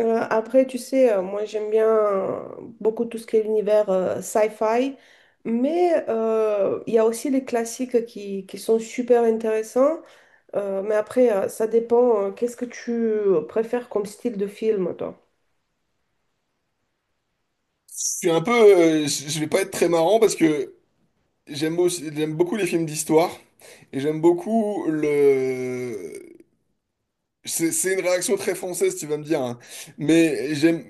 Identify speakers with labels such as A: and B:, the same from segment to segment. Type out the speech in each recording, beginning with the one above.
A: Après, tu sais, moi j'aime bien, beaucoup, tout ce qui est l'univers sci-fi, mais il y a aussi les classiques qui sont super intéressants. Mais après, ça dépend. Qu'est-ce que tu préfères comme style de film, toi?
B: Je suis un peu, je vais pas être très marrant parce que j'aime beaucoup les films d'histoire et j'aime beaucoup le. C'est une réaction très française, tu vas me dire, hein. Mais j'aime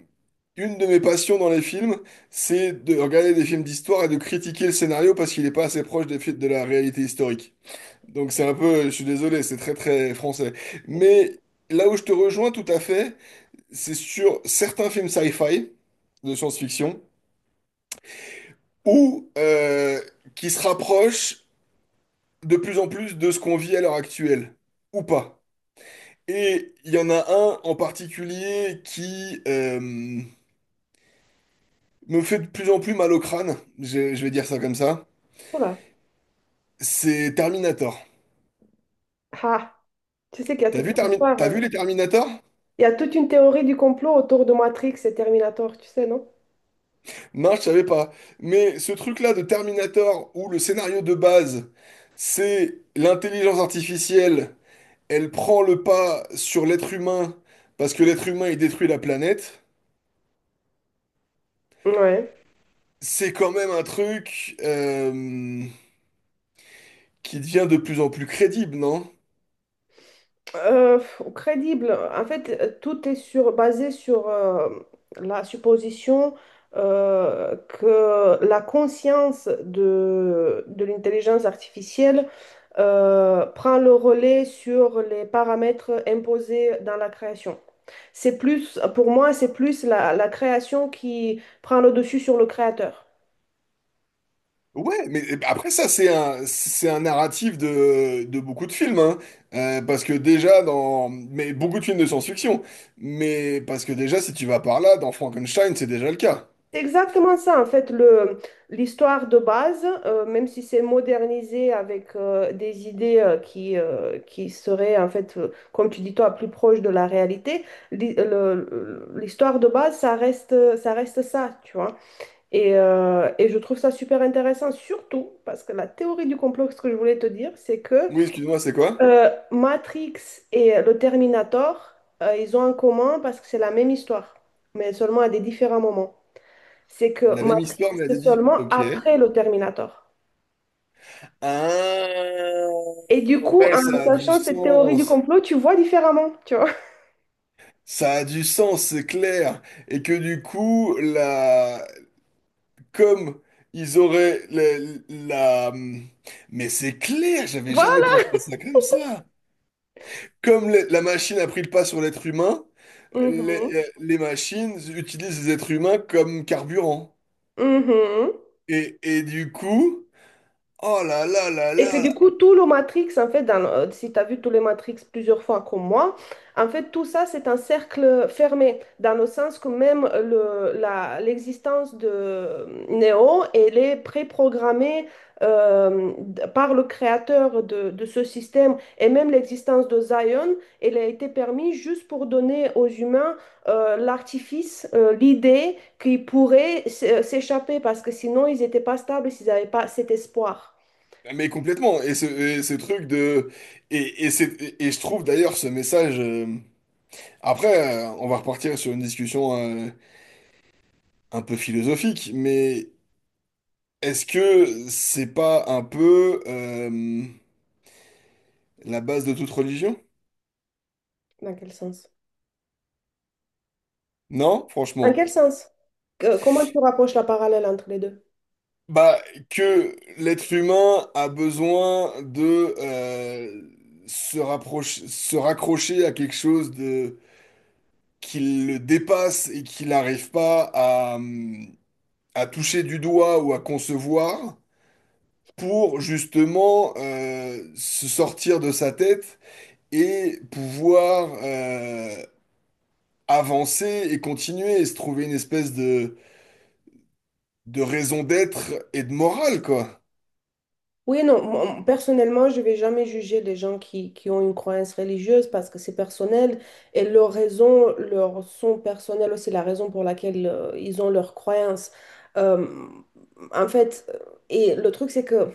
B: une de mes passions dans les films, c'est de regarder des films d'histoire et de critiquer le scénario parce qu'il n'est pas assez proche des faits de la réalité historique. Donc c'est un peu, je suis désolé, c'est très très français. Mais là où je te rejoins tout à fait, c'est sur certains films sci-fi de science-fiction. Ou qui se rapproche de plus en plus de ce qu'on vit à l'heure actuelle, ou pas. Et il y en a un en particulier qui me fait de plus en plus mal au crâne, je vais dire ça comme ça,
A: Voilà.
B: c'est Terminator.
A: Ah, tu sais qu'il y a
B: T'as
A: toute
B: vu,
A: une histoire.
B: T'as vu les Terminator?
A: Il y a toute une théorie du complot autour de Matrix et Terminator, tu sais, non?
B: Non, je savais pas. Mais ce truc-là de Terminator, où le scénario de base, c'est l'intelligence artificielle, elle prend le pas sur l'être humain, parce que l'être humain, il détruit la planète.
A: Ouais.
B: C'est quand même un truc qui devient de plus en plus crédible, non?
A: Euh, Crédible. En fait, tout est basé sur, la supposition, que la conscience de l'intelligence artificielle prend le relais sur les paramètres imposés dans la création. C'est plus, pour moi, c'est plus la création qui prend le dessus sur le créateur.
B: Ouais, mais après ça, c'est un narratif de beaucoup de films, hein. Parce que déjà dans… Mais beaucoup de films de science-fiction. Mais parce que déjà, si tu vas par là, dans Frankenstein, c'est déjà le cas.
A: C'est exactement ça, en fait, l'histoire de base. Même si c'est modernisé avec des idées qui seraient, en fait, comme tu dis toi, plus proches de la réalité, l'histoire de base, ça reste, ça, tu vois. Et je trouve ça super intéressant, surtout parce que la théorie du complot, ce que je voulais te dire, c'est que,
B: Oui, excuse-moi, c'est quoi?
A: Matrix et le Terminator, ils ont en commun parce que c'est la même histoire, mais seulement à des différents moments. C'est que
B: La même
A: Matrix,
B: histoire, mais à
A: c'est
B: des…
A: seulement
B: Ok.
A: après le Terminator.
B: Ah,
A: Et du coup,
B: ouais,
A: en
B: ça a du
A: sachant cette théorie du
B: sens.
A: complot, tu vois différemment, tu vois.
B: Ça a du sens, c'est clair. Et que du coup, la, comme ils auraient la… Mais c'est clair, j'avais jamais
A: Voilà.
B: pensé à ça. Comme la machine a pris le pas sur l'être humain, les,
A: Mhm.
B: les machines utilisent les êtres humains comme carburant.
A: Mhm.
B: Et du coup, oh là là là
A: Et que
B: là
A: du
B: là.
A: coup, tout le Matrix, en fait, si tu as vu tous les Matrix plusieurs fois comme moi, en fait, tout ça, c'est un cercle fermé, dans le sens que même l'existence de, Neo, elle est préprogrammée, par le créateur de ce système. Et même l'existence de Zion, elle a été permise juste pour donner aux humains, l'artifice, l'idée qu'ils pourraient, s'échapper, parce que sinon, ils n'étaient pas stables s'ils n'avaient pas cet espoir.
B: Ah, mais complètement. Et ce truc de… et je trouve d'ailleurs ce message… Après, on va repartir sur une discussion euh, un peu philosophique, mais est-ce que c'est pas un peu la base de toute religion?
A: Dans quel sens?
B: Non,
A: Dans quel
B: franchement.
A: sens? Comment tu rapproches la parallèle entre les deux?
B: Bah, que l'être humain a besoin de se rapprocher, se raccrocher à quelque chose de qui le dépasse et qu'il n'arrive pas à, à toucher du doigt ou à concevoir pour justement se sortir de sa tête et pouvoir avancer et continuer et se trouver une espèce de raison d'être et de morale, quoi.
A: Oui et non. Moi, personnellement, je vais jamais juger les gens qui ont une croyance religieuse, parce que c'est personnel, et leurs raisons leur sont personnelles aussi, la raison pour laquelle ils ont leur croyance. Euh, En fait, et le truc, c'est que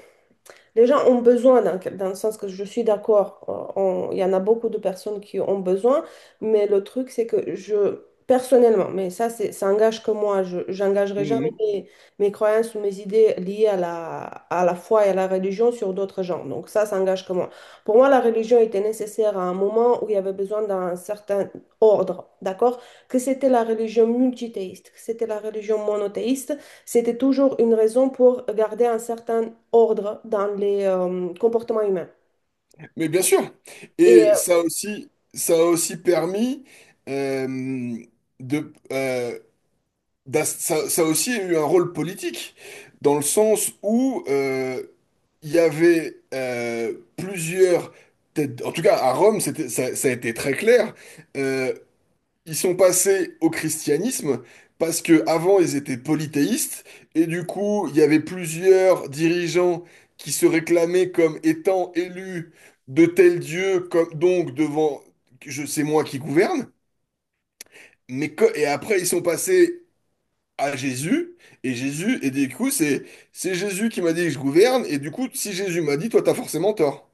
A: les gens ont besoin, dans le sens que je suis d'accord, il y en a beaucoup de personnes qui ont besoin. Mais le truc, c'est que je, personnellement, mais ça, c'est, ça engage que moi. J'engagerai jamais
B: Mhm.
A: mes croyances ou mes idées liées à la foi et à la religion sur d'autres gens. Donc ça engage que moi. Pour moi, la religion était nécessaire à un moment où il y avait besoin d'un certain ordre, d'accord? Que c'était la religion multithéiste, que c'était la religion monothéiste, c'était toujours une raison pour garder un certain ordre dans les, comportements humains.
B: Mais bien sûr.
A: Et euh,
B: Et ça aussi, ça a aussi permis euh, de, euh, ça, ça a aussi eu un rôle politique, dans le sens où il y avait plusieurs en tout cas à Rome, c'était, ça a été très clair. euh, Ils sont passés au christianisme parce que avant ils étaient polythéistes et du coup il y avait plusieurs dirigeants qui se réclamaient comme étant élus de tel Dieu comme donc devant je sais moi qui gouverne mais et après ils sont passés à Jésus et Jésus et du coup c'est Jésus qui m'a dit que je gouverne et du coup si Jésus m'a dit toi t'as forcément tort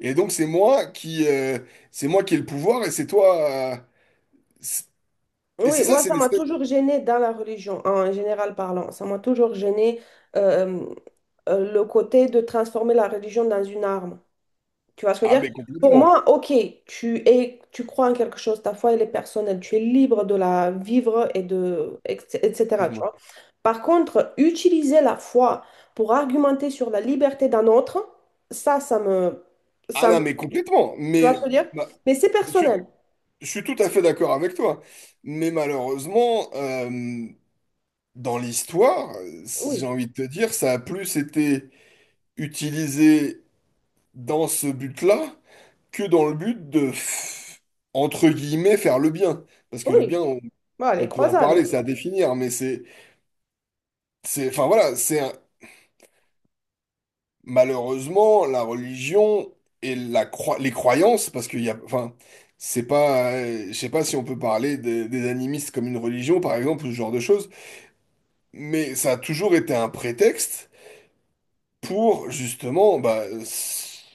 B: et donc c'est moi qui ai le pouvoir et c'est toi c'est- et
A: oui,
B: c'est ça
A: moi,
B: c'est
A: ça m'a
B: l'espèce
A: toujours gênée dans la religion, en général parlant. Ça m'a toujours gênée, euh, le côté de transformer la religion dans une arme. Tu vois ce que je
B: ah
A: veux
B: mais
A: dire? Pour
B: complètement.
A: moi, ok, tu es, tu crois en quelque chose, ta foi, elle est personnelle, tu es libre de la vivre et de, etc.
B: Excuse-moi.
A: Par contre, utiliser la foi pour argumenter sur la liberté d'un autre, ça, ça me,
B: Ah
A: ça me-
B: non, mais complètement.
A: tu vois ce que
B: Mais
A: je veux dire?
B: bah,
A: Mais c'est
B: je, suis
A: personnel.
B: je suis tout à fait d'accord avec toi. Mais malheureusement, dans l'histoire, j'ai
A: Oui,
B: envie de te dire, ça a plus été utilisé dans ce but-là que dans le but de, entre guillemets, faire le bien. Parce que le
A: oui.
B: bien,
A: Voilà,
B: on
A: les
B: peut en
A: croisades.
B: parler, c'est à définir, mais enfin voilà, c'est, malheureusement, la religion et les croyances, parce qu'il y a, enfin, c'est pas, je sais pas si on peut parler des animistes comme une religion, par exemple, ou ce genre de choses, mais ça a toujours été un prétexte pour justement, bah,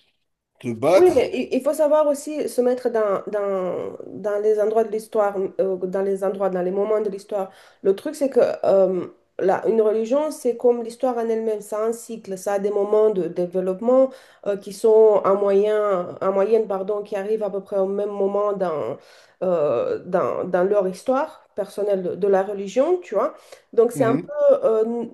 B: te
A: Oui, mais
B: battre.
A: il faut savoir aussi se mettre dans, les endroits de l'histoire, dans les endroits, dans les moments de l'histoire. Le truc, c'est que, une religion, c'est comme l'histoire en elle-même, ça a un cycle, ça a des moments de développement qui sont en moyen, en moyenne, pardon, qui arrivent à peu près au même moment dans leur histoire personnelle de la religion, tu vois. Donc, c'est un
B: Mhm.
A: peu,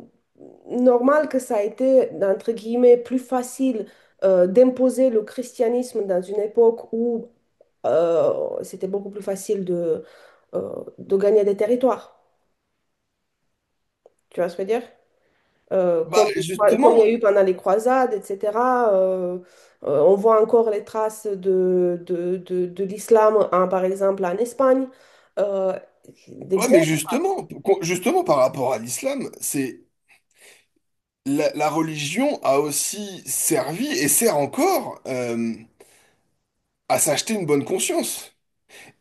A: normal que ça a été, entre guillemets, plus facile d'imposer le christianisme dans une époque où c'était beaucoup plus facile de gagner des territoires. Tu vois ce que je veux dire? Euh,
B: Bah,
A: comme, Comme il y
B: justement,
A: a eu pendant les croisades, etc. euh, on voit encore les traces de l'islam, par exemple, en Espagne. Euh, des
B: ouais,
A: gros
B: mais justement, justement par rapport à l'islam, c'est la, la religion a aussi servi et sert encore à s'acheter une bonne conscience,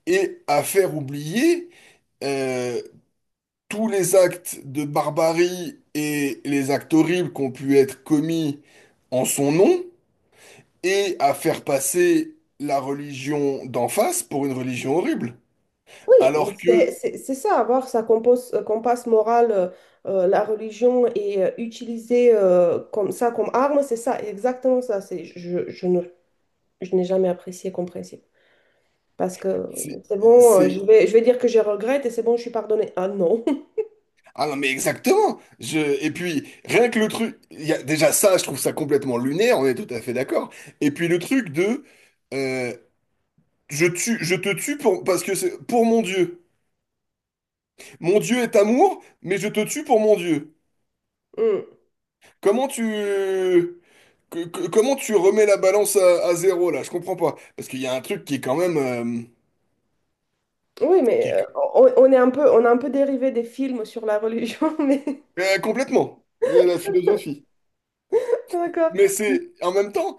B: et à faire oublier euh, tous les actes de barbarie et les actes horribles qui ont pu être commis en son nom, et à faire passer la religion d'en face pour une religion horrible.
A: Oui,
B: Alors que
A: c'est ça, avoir sa compasse morale, la religion, et utiliser, comme ça, comme arme, c'est ça, exactement ça. C'est, je ne, Je n'ai jamais apprécié comme principe. Parce que,
B: c'est...
A: c'est bon,
B: c'est-
A: je vais dire que je regrette et c'est bon, je suis pardonnée. Ah non.
B: ah non, mais exactement. Je… Et puis, rien que le truc… Il y a… Déjà ça, je trouve ça complètement lunaire, on est tout à fait d'accord. Et puis le truc de… euh, je tue, je te tue pour… parce que c'est pour mon Dieu. Mon Dieu est amour, mais je te tue pour mon Dieu.
A: Hmm.
B: Comment tu… comment tu remets la balance à zéro, là? Je comprends pas. Parce qu'il y a un truc qui est quand même…
A: Oui, mais,
B: qui est-
A: on est un peu, on a un peu dérivé des films sur la religion, mais
B: euh, complètement. La philosophie.
A: d'accord.
B: Mais c'est… En même temps,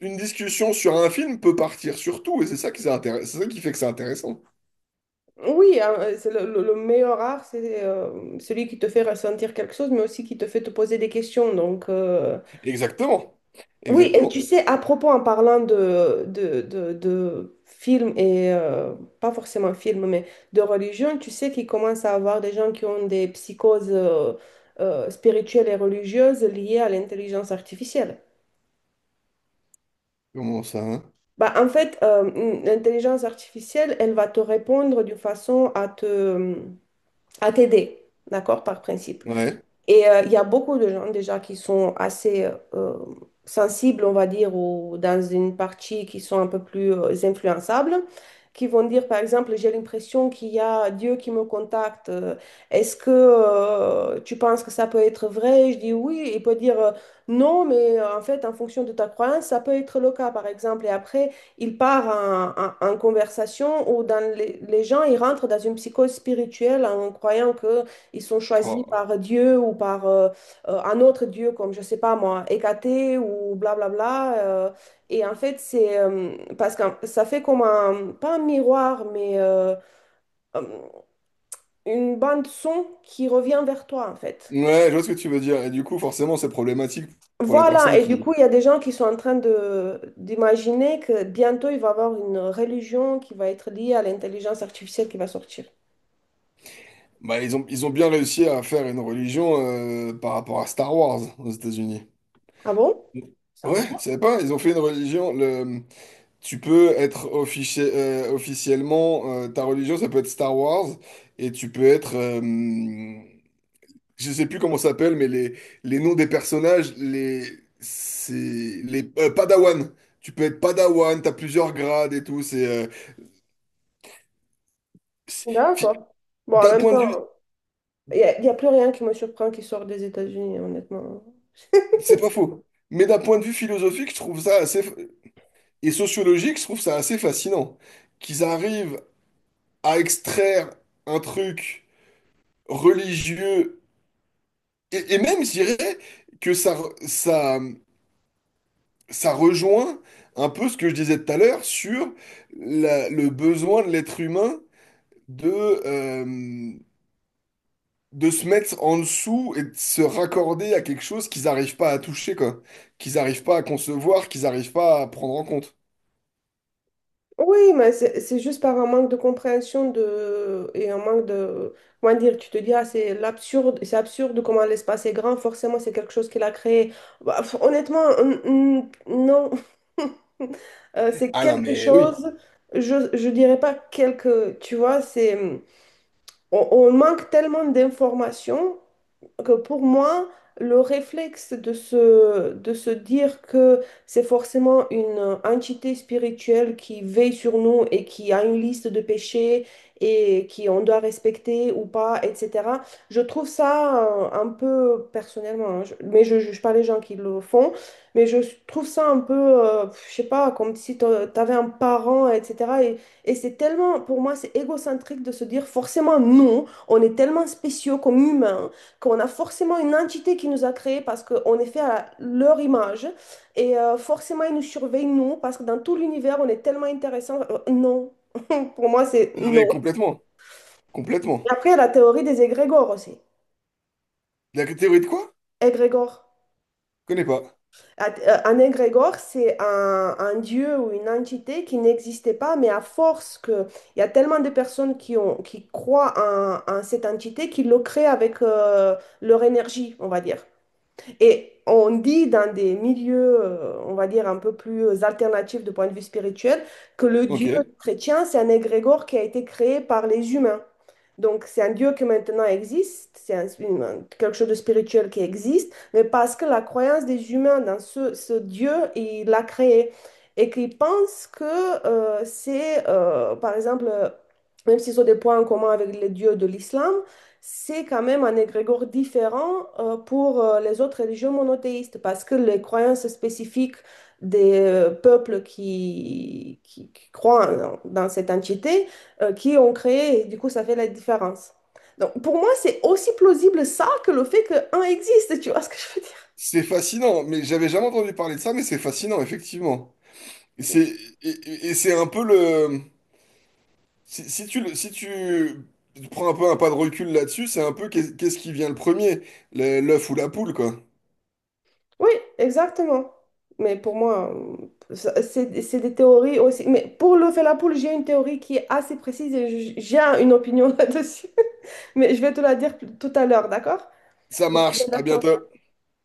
B: une discussion sur un film peut partir sur tout, et c'est ça qui, c'est ça qui fait que c'est intéressant.
A: Oui, hein, c'est le meilleur art, c'est celui qui te fait ressentir quelque chose, mais aussi qui te fait te poser des questions. Donc.
B: Exactement.
A: Oui, et
B: Exactement.
A: tu sais, à propos, en parlant de films, et pas forcément films, mais de religion, tu sais qu'il commence à avoir des gens qui ont des psychoses spirituelles et religieuses liées à l'intelligence artificielle.
B: Comment ça, hein?
A: Bah, en fait, l'intelligence artificielle, elle va te répondre d'une façon à à t'aider, d'accord, par principe.
B: Ouais.
A: Il y a beaucoup de gens déjà qui sont assez, euh, sensibles, on va dire, ou dans une partie qui sont un peu plus influençables, qui vont dire, par exemple, j'ai l'impression qu'il y a Dieu qui me contacte. Est-ce que, tu penses que ça peut être vrai? Je dis oui. Il peut dire, non, mais, en fait, en fonction de ta croyance, ça peut être le cas, par exemple. Et après, il part en conversation où dans les gens, ils rentrent dans une psychose spirituelle en croyant que ils sont choisis
B: Oh.
A: par Dieu, ou par, un autre Dieu, comme, je sais pas moi, Hécaté, ou blablabla. Et en fait, c'est parce que ça fait comme un, pas un miroir, mais, euh, une bande son qui revient vers toi, en fait.
B: Ouais, je vois ce que tu veux dire. Et du coup, forcément, c'est problématique pour la
A: Voilà,
B: personne
A: et du
B: qui.
A: coup, il y a des gens qui sont en train de d'imaginer que bientôt, il va y avoir une religion qui va être liée à l'intelligence artificielle qui va sortir.
B: Bah, ils ont bien réussi à faire une religion par rapport à Star Wars aux États-Unis.
A: Ah bon? Ça
B: Ouais, tu
A: va.
B: savais pas, ils ont fait une religion. Le, tu peux être officiellement, ta religion, ça peut être Star Wars, et tu peux être, je sais plus comment ça s'appelle, mais les noms des personnages, les, c'est les Padawan. Tu peux être Padawan, t'as plusieurs grades et tout. C'est- fi-
A: D'accord. Bon, en
B: D'un
A: même
B: point de
A: temps.
B: vue,
A: Y a plus rien qui me surprend qui sort des États-Unis, honnêtement.
B: c'est pas faux, mais d'un point de vue philosophique, je trouve ça assez. Et sociologique, je trouve ça assez fascinant. Qu'ils arrivent à extraire un truc religieux, et même, je dirais, que ça rejoint un peu ce que je disais tout à l'heure sur le besoin de l'être humain de, euh, de se mettre en dessous et de se raccorder à quelque chose qu'ils n'arrivent pas à toucher, quoi. Qu'ils n'arrivent pas à concevoir, qu'ils n'arrivent pas à prendre en compte.
A: Oui, mais c'est juste par un manque de compréhension et un manque de. Comment dire, tu te dis, ah, c'est l'absurde, c'est absurde comment l'espace est grand, forcément c'est quelque chose qu'il a créé. Bah, honnêtement, non. C'est
B: Ah non,
A: quelque
B: mais oui.
A: chose, je dirais pas quelque, tu vois, c'est. On manque tellement d'informations que, pour moi, le réflexe de se dire que c'est forcément une entité spirituelle qui veille sur nous et qui a une liste de péchés et qui on doit respecter ou pas, etc. Je trouve ça, un peu personnellement, hein, mais je juge pas les gens qui le font. Mais je trouve ça un peu, je sais pas, comme si tu avais un parent, etc. Et c'est tellement, pour moi, c'est égocentrique de se dire forcément non. On est tellement spéciaux comme humains qu'on a forcément une entité qui nous a créés parce qu'on est fait à leur image, et, forcément ils nous surveillent, nous, parce que dans tout l'univers, on est tellement intéressant. Non, pour moi, c'est
B: Non, mais
A: non.
B: complètement. Complètement.
A: Et après, il y a la théorie des égrégores aussi.
B: La théorie de quoi?
A: Égrégore.
B: Connais pas.
A: Un égrégore, c'est un dieu ou une entité qui n'existait pas, mais à force que il y a tellement de personnes qui croient en cette entité qu'ils le créent avec, leur énergie, on va dire. Et on dit dans des milieux, on va dire, un peu plus alternatifs de point de vue spirituel, que le
B: Ok.
A: Dieu chrétien, c'est un égrégore qui a été créé par les humains. Donc, c'est un Dieu qui maintenant existe, c'est, quelque chose de spirituel qui existe, mais parce que la croyance des humains dans ce Dieu, il l'a créé. Et qu'ils pensent que, c'est, par exemple, même s'ils ont des points en commun avec les dieux de l'islam, c'est quand même un égrégore différent, pour, les autres religions monothéistes, parce que les croyances spécifiques des, peuples qui croient dans cette entité, qui ont créé, et du coup, ça fait la différence. Donc, pour moi, c'est aussi plausible ça que le fait qu'un existe, tu vois ce que je veux dire?
B: C'est fascinant, mais j'avais jamais entendu parler de ça, mais c'est fascinant, effectivement. Et c'est et c'est un peu le… Si, si tu prends un peu un pas de recul là-dessus, c'est un peu qu'est-ce qui vient le premier, l'œuf ou la poule, quoi.
A: Oui, exactement. Mais pour moi, c'est des théories aussi. Mais pour le Fellapoulle, j'ai une théorie qui est assez précise, et j'ai une opinion là-dessus. Mais je vais te la dire tout à l'heure, d'accord?
B: Ça marche, à bientôt.